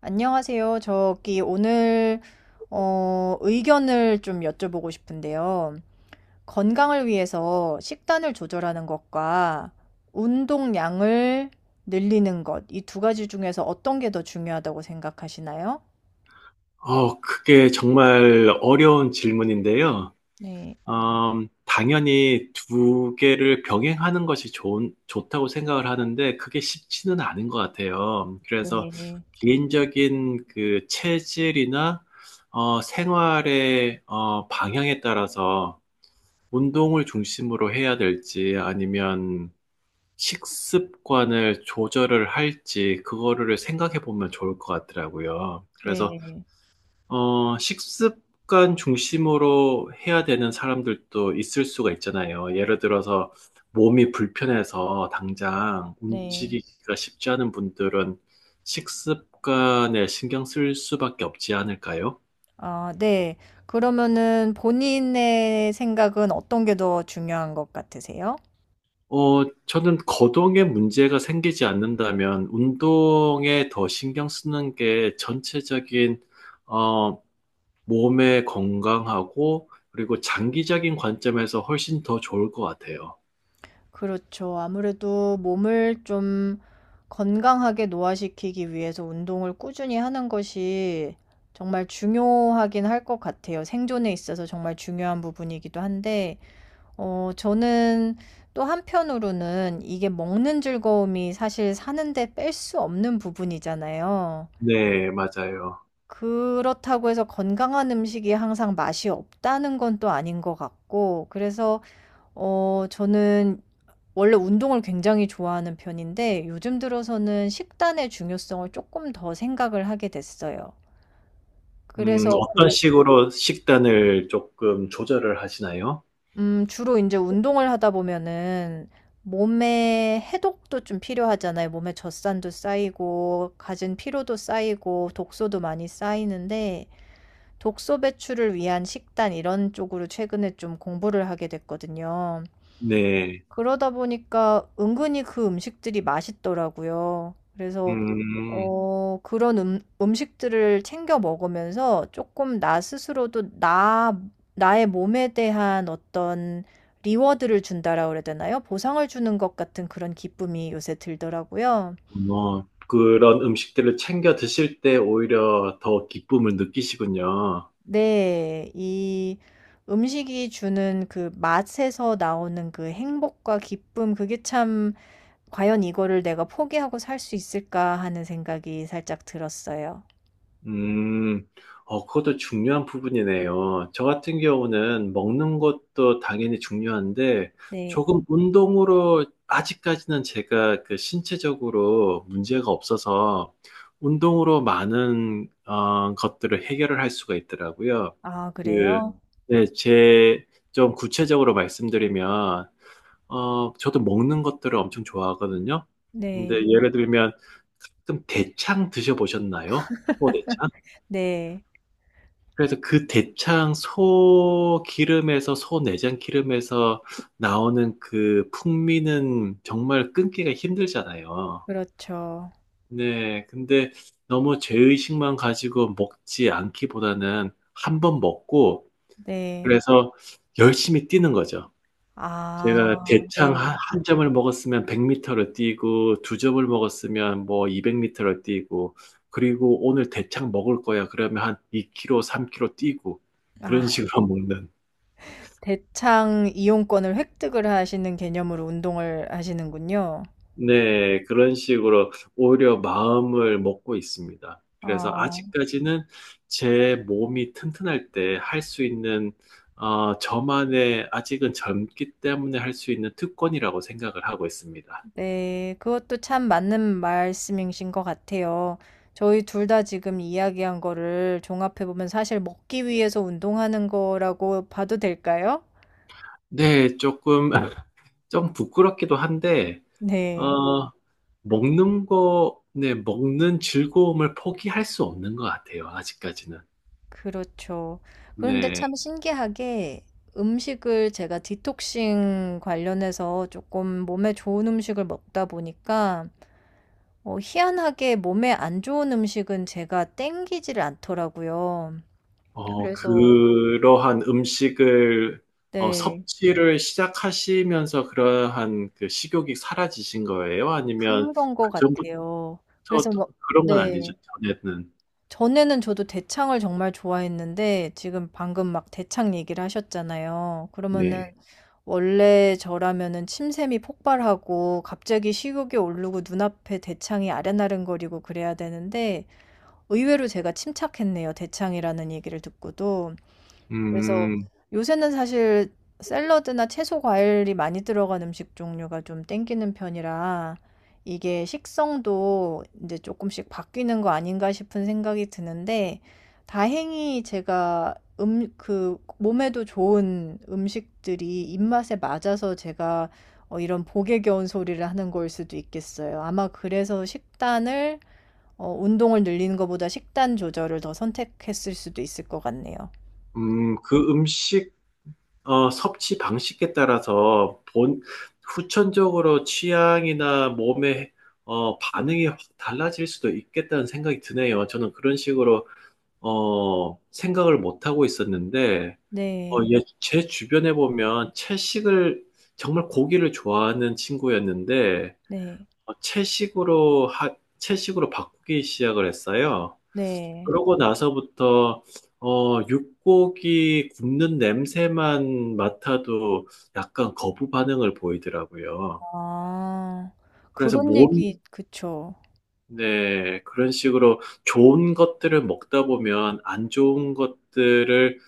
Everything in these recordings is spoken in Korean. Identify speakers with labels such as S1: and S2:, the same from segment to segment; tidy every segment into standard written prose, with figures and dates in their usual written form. S1: 안녕하세요. 저기 오늘 의견을 좀 여쭤보고 싶은데요. 건강을 위해서 식단을 조절하는 것과 운동량을 늘리는 것, 이 두 가지 중에서 어떤 게 더 중요하다고 생각하시나요?
S2: 그게 정말 어려운 질문인데요.
S1: 네,
S2: 당연히 두 개를 병행하는 것이 좋다고 생각을 하는데 그게 쉽지는 않은 것 같아요. 그래서
S1: 네,
S2: 개인적인 그 체질이나 생활의 방향에 따라서 운동을 중심으로 해야 될지 아니면 식습관을 조절을 할지 그거를 생각해 보면 좋을 것 같더라고요. 그래서
S1: 네,
S2: 식습관 중심으로 해야 되는 사람들도 있을 수가 있잖아요. 예를 들어서 몸이 불편해서 당장
S1: 네.
S2: 움직이기가 쉽지 않은 분들은 식습관에 신경 쓸 수밖에 없지 않을까요?
S1: 아, 네. 그러면은 본인의 생각은 어떤 게 더 중요한 것 같으세요?
S2: 저는 거동에 문제가 생기지 않는다면 운동에 더 신경 쓰는 게 전체적인, 어, 몸의 건강하고 그리고 장기적인 관점에서 훨씬 더 좋을 것 같아요.
S1: 그렇죠. 아무래도 몸을 좀 건강하게 노화시키기 위해서 운동을 꾸준히 하는 것이 정말 중요하긴 할 것 같아요. 생존에 있어서 정말 중요한 부분이기도 한데, 저는 또 한편으로는 이게 먹는 즐거움이 사실 사는데 뺄 수 없는 부분이잖아요.
S2: 네, 맞아요.
S1: 그렇다고 해서 건강한 음식이 항상 맛이 없다는 건 또 아닌 것 같고, 그래서 저는 원래 운동을 굉장히 좋아하는 편인데 요즘 들어서는 식단의 중요성을 쪼끔 더 생각을 하게 됐어요. 그래서
S2: 어떤
S1: 그
S2: 식으로 식단을 조금 조절을 하시나요?
S1: 주로 인제 운동을 하다 보면은 몸에 해독도 좀 필요하잖아요. 몸에 젖산도 쌓이고 가진 피로도 쌓이고 독소도 많이 쌓이는데 독소 배출을 위한 식단 이런 쪽으로 최근에 좀 공부를 하게 됐거든요.
S2: 네.
S1: 그러다 보니까 은근히 그 음식들이 맛있더라고요. 그래서
S2: 음.
S1: 그런 음식들을 챙겨 먹으면서 조금 나 스스로도 나의 몸에 대한 어떤 리워드를 준다라 그래야 되나요? 보상을 주는 것 같은 그런 기쁨이 요새 들더라고요.
S2: 뭐 그런 음식들을 챙겨 드실 때 오히려 더 기쁨을 느끼시군요.
S1: 네, 이 음식이 주는 그 맛에서 나오는 그 행복과 기쁨, 그게 참 과연 이거를 내가 포기하고 살 수 있을까 하는 생각이 살짝 들었어요.
S2: 음, 그것도 중요한 부분이네요. 저 같은 경우는 먹는 것도 당연히 중요한데,
S1: 네.
S2: 조금 운동으로, 아직까지는 제가 그 신체적으로 문제가 없어서, 운동으로 많은, 것들을 해결을 할 수가 있더라고요.
S1: 아,
S2: 그,
S1: 그래요?
S2: 네, 좀 구체적으로 말씀드리면, 저도 먹는 것들을 엄청 좋아하거든요.
S1: 음.
S2: 근데
S1: 네.
S2: 예를 들면, 가끔 대창 드셔보셨나요? 호대창?
S1: 네.
S2: 그래서 그 대창 소 기름에서, 소 내장 기름에서 나오는 그 풍미는 정말 끊기가 힘들잖아요.
S1: 그렇죠.
S2: 네. 근데 너무 죄의식만 가지고 먹지 않기보다는 한 번 먹고,
S1: 네.
S2: 그래서 열심히 뛰는 거죠. 제가
S1: 아,
S2: 대창 한
S1: 네.
S2: 한 점을 먹었으면 100m 를 뛰고 두 점을 먹었으면 뭐 200m 를 뛰고 그리고 "오늘 대창 먹을 거야." 그러면 한 2킬로 3킬로 뛰고 그런
S1: 아,
S2: 식으로 먹는
S1: 대창 이용권을 획득을 하시는 개념으로 운동을 하시는군요.
S2: 네. 그런 식으로 오히려 마음을 먹고 있습니다. 그래서
S1: 어,
S2: 아직까지는 제 몸이 튼튼할 때 할 수 있는 저만의 아직은 젊기 때문에 할 수 있는 특권이라고 생각을 하고 있습니다.
S1: 네. 그것도 참 맞는 말씀이신 것 같아요. 저희 둘 다 지금 이야기한 거를 종합해 보면 사실 먹기 위해서 운동하는 거라고 봐도 될까요?
S2: 네. 쪼끔 좀 부끄럽기도 한데,
S1: 네.
S2: 어, 먹는 거, 네, 먹는 즐거움을 포기할 수 없는 것 같아요, 아직까지는.
S1: 그렇죠. 그런데
S2: 네,
S1: 참 신기하게 음식을 제가 디톡싱 관련해서 조금 몸에 좋은 음식을 먹다 보니까 희한하게 몸에 안 좋은 음식은 제가 땡기질 않더라고요. 그래서
S2: 그러한 음식을,
S1: 네,
S2: 섭취를 시작하시면서 그러한 그 식욕이 사라지신 거예요? 아니면
S1: 그런 것
S2: 그전부터
S1: 같아요.
S2: 또
S1: 그래서 뭐,
S2: 그런 건 아니죠,
S1: 네.
S2: 전에는.
S1: 전에는 저도 대창을 정말 좋아했는데 지금 방금 막 대창 얘기를 하셨잖아요.
S2: 네.
S1: 그러면은 원래 저라면은 침샘이 폭발하고 갑자기 식욕이 오르고 눈앞에 대창이 아른아른거리고 그래야 되는데 의외로 제가 침착했네요. 대창이라는 얘기를 듣고도. 그래서
S2: 음,
S1: 요새는 사실 샐러드나 채소 과일이 많이 들어간 음식 종류가 좀 땡기는 편이라 이게 식성도 이제 조금씩 바뀌는 거 아닌가 싶은 생각이 드는데 다행히 제가 그 몸에도 좋은 음식들이 입맛에 맞아서 제가 이런 복에 겨운 소리를 하는 걸 수도 있겠어요. 아마 그래서 운동을 늘리는 것보다 식단 조절을 더 선택했을 수도 있을 것 같네요.
S2: 그 음식, 섭취 방식에 따라서 후천적으로 취향이나 몸의 반응이 확 달라질 수도 있겠다는 생각이 드네요. 저는 그런 식으로 생각을 못 하고 있었는데
S1: 네.
S2: 예, 제 주변에 보면 채식을 정말 고기를 좋아하는 친구였는데
S1: 네.
S2: 채식으로 바꾸기 시작을 했어요.
S1: 네.
S2: 그러고 나서부터 육고기 굽는 냄새만 맡아도 약간 거부 반응을 보이더라고요.
S1: 아.
S2: 그래서
S1: 그런 얘기 그쵸.
S2: 네, 그런 식으로 좋은 것들을 먹다 보면 안 좋은 것들을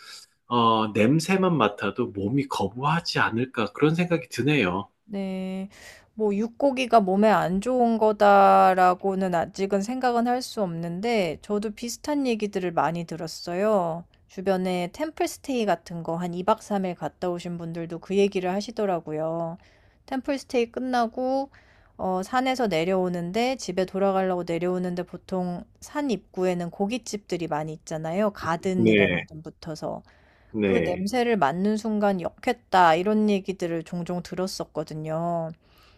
S2: 냄새만 맡아도 몸이 거부하지 않을까 그런 생각이 드네요.
S1: 네. 뭐 '육고기가 몸에 안 좋은 거다.'라고는 아직은 생각은 할 수 없는데 저도 비슷한 얘기들을 많이 들었어요. 주변에 템플 스테이 같은 거 한 2박 3일 갔다 오신 분들도 그 얘기를 하시더라고요. 템플 스테이 끝나고 산에서 내려오는데 집에 돌아가려고 내려오는데 보통 산 입구에는 고깃집들이 많이 있잖아요. 가든이라는
S2: 네,
S1: 이름 붙어서. 그
S2: 네,
S1: 냄새를 맡는 순간 역했다 이런 얘기들을 종종 들었었거든요.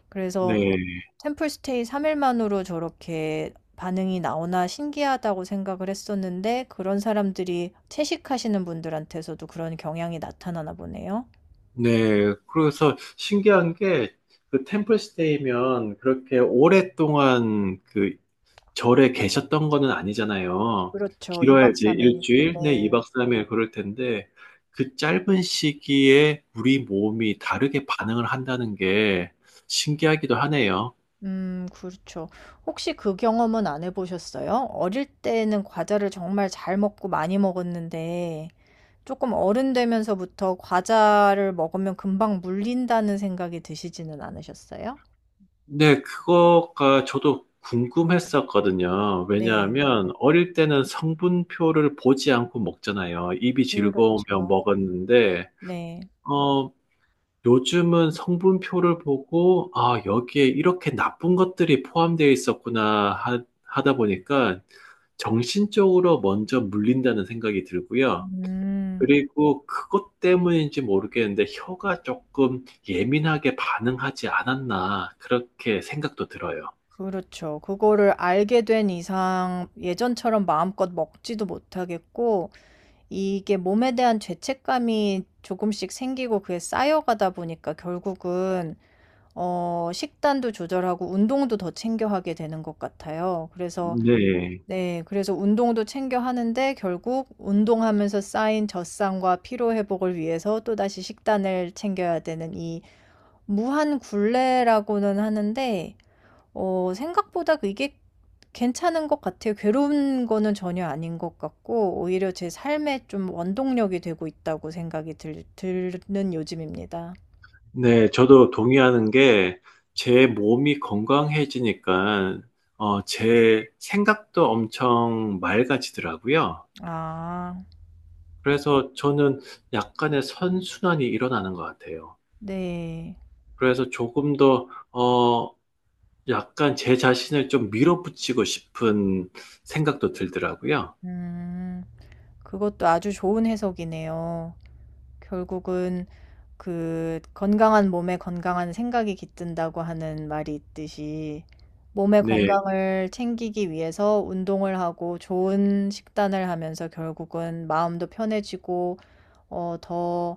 S1: 그래서
S2: 네,
S1: 템플 스테이 3일 만으로 저렇게 반응이 나오나 신기하다고 생각을 했었는데 그런 사람들이 채식하시는 분들한테서도 그런 경향이 나타나나 보네요.
S2: 네. 그래서 신기한 게 그 템플스테이면 그렇게 오랫동안 그 절에 계셨던 거는 아니잖아요.
S1: 그렇죠. 2
S2: 길어야
S1: 박
S2: 이제
S1: 3일 일.
S2: 일주일 네
S1: 네.
S2: 2박 3일 그럴 텐데 그 짧은 시기에 우리 몸이 다르게 반응을 한다는 게 신기하기도 하네요.
S1: 그렇죠. 혹시 그 경험은 안 해 보셨어요? 어릴 때는 과자를 정말 잘 먹고 많이 먹었는데 조금 어른 되면서부터 과자를 먹으면 금방 물린다는 생각이 드시지는 않으셨어요?
S2: 네, 그거가 저도 궁금했었거든요.
S1: 네.
S2: 왜냐하면 어릴 때는 성분표를 보지 않고 먹잖아요. 입이 즐거우면
S1: 그렇죠.
S2: 먹었는데,
S1: 네.
S2: 어, 요즘은 성분표를 보고, 아, 여기에 이렇게 나쁜 것들이 포함되어 있었구나 하다 보니까 정신적으로 먼저 물린다는 생각이 들고요.
S1: 음.
S2: 그리고 그것 때문인지 모르겠는데 혀가 조금 예민하게 반응하지 않았나 그렇게 생각도 들어요.
S1: 그렇죠. 그거를 알게 된 이상 예전처럼 마음껏 먹지도 못하겠고 이게 몸에 대한 죄책감이 조금씩 생기고 그게 쌓여가다 보니까 결국은 식단도 조절하고 운동도 더 챙겨 하게 되는 것 같아요. 그래서
S2: 네.
S1: 네. 그래서 운동도 챙겨 하는데 결국 운동하면서 쌓인 젖산과 피로 회복을 위해서 또다시 식단을 챙겨야 되는 이 무한 굴레라고는 하는데 생각보다 이게 괜찮은 것 같아요. 괴로운 거는 전혀 아닌 것 같고 오히려 제 삶에 좀 원동력이 되고 있다고 생각이 들 드는 요즘입니다.
S2: 네, 저도 동의하는 게 제 몸이 건강해지니까 제 생각도 엄청 맑아지더라고요.
S1: 아.
S2: 그래서 저는 약간의 선순환이 일어나는 것 같아요.
S1: 네.
S2: 그래서 조금 더, 약간 제 자신을 좀 밀어붙이고 싶은 생각도 들더라고요.
S1: 음. 그것도 아주 좋은 해석이네요. 결국은 그 건강한 몸에 건강한 생각이 깃든다고 하는 말이 있듯이 몸의
S2: 네.
S1: 건강을 챙기기 위해서 운동을 하고 좋은 식단을 하면서 결국은 마음도 편해지고 어 더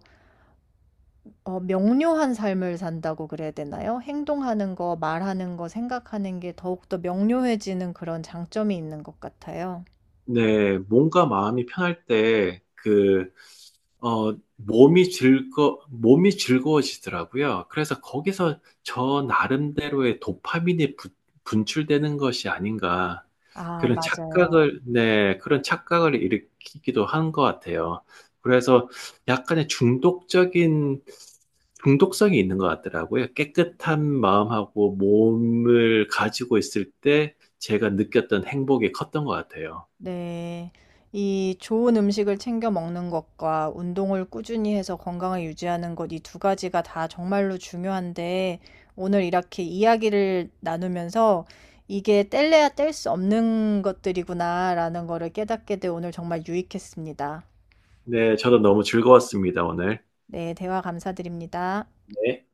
S1: 어 명료한 삶을 산다고 그래야 되나요? 행동하는 거, 말하는 거, 생각하는 게 더욱더 명료해지는 그런 장점이 있는 것 같아요.
S2: 네, 몸과 마음이 편할 때, 몸이 즐거워지더라고요. 그래서 거기서 저 나름대로의 도파민이 분출되는 것이 아닌가.
S1: 아,
S2: 그런
S1: 맞아요.
S2: 착각을, 네, 그런 착각을 일으키기도 한 것 같아요. 그래서 약간의 중독성이 있는 것 같더라고요. 깨끗한 마음하고 몸을 가지고 있을 때 제가 느꼈던 행복이 컸던 것 같아요.
S1: 네. 이 좋은 음식을 챙겨 먹는 것과 운동을 꾸준히 해서 건강을 유지하는 것, 이 두 가지가 다 정말로 중요한데, 오늘 이렇게 이야기를 나누면서 이게 뗄래야 뗄 수 없는 것들이구나라는 거를 깨닫게 돼 오늘 정말 유익했습니다.
S2: 네, 저도 너무 즐거웠습니다, 오늘.
S1: 네, 대화 감사드립니다.
S2: 네.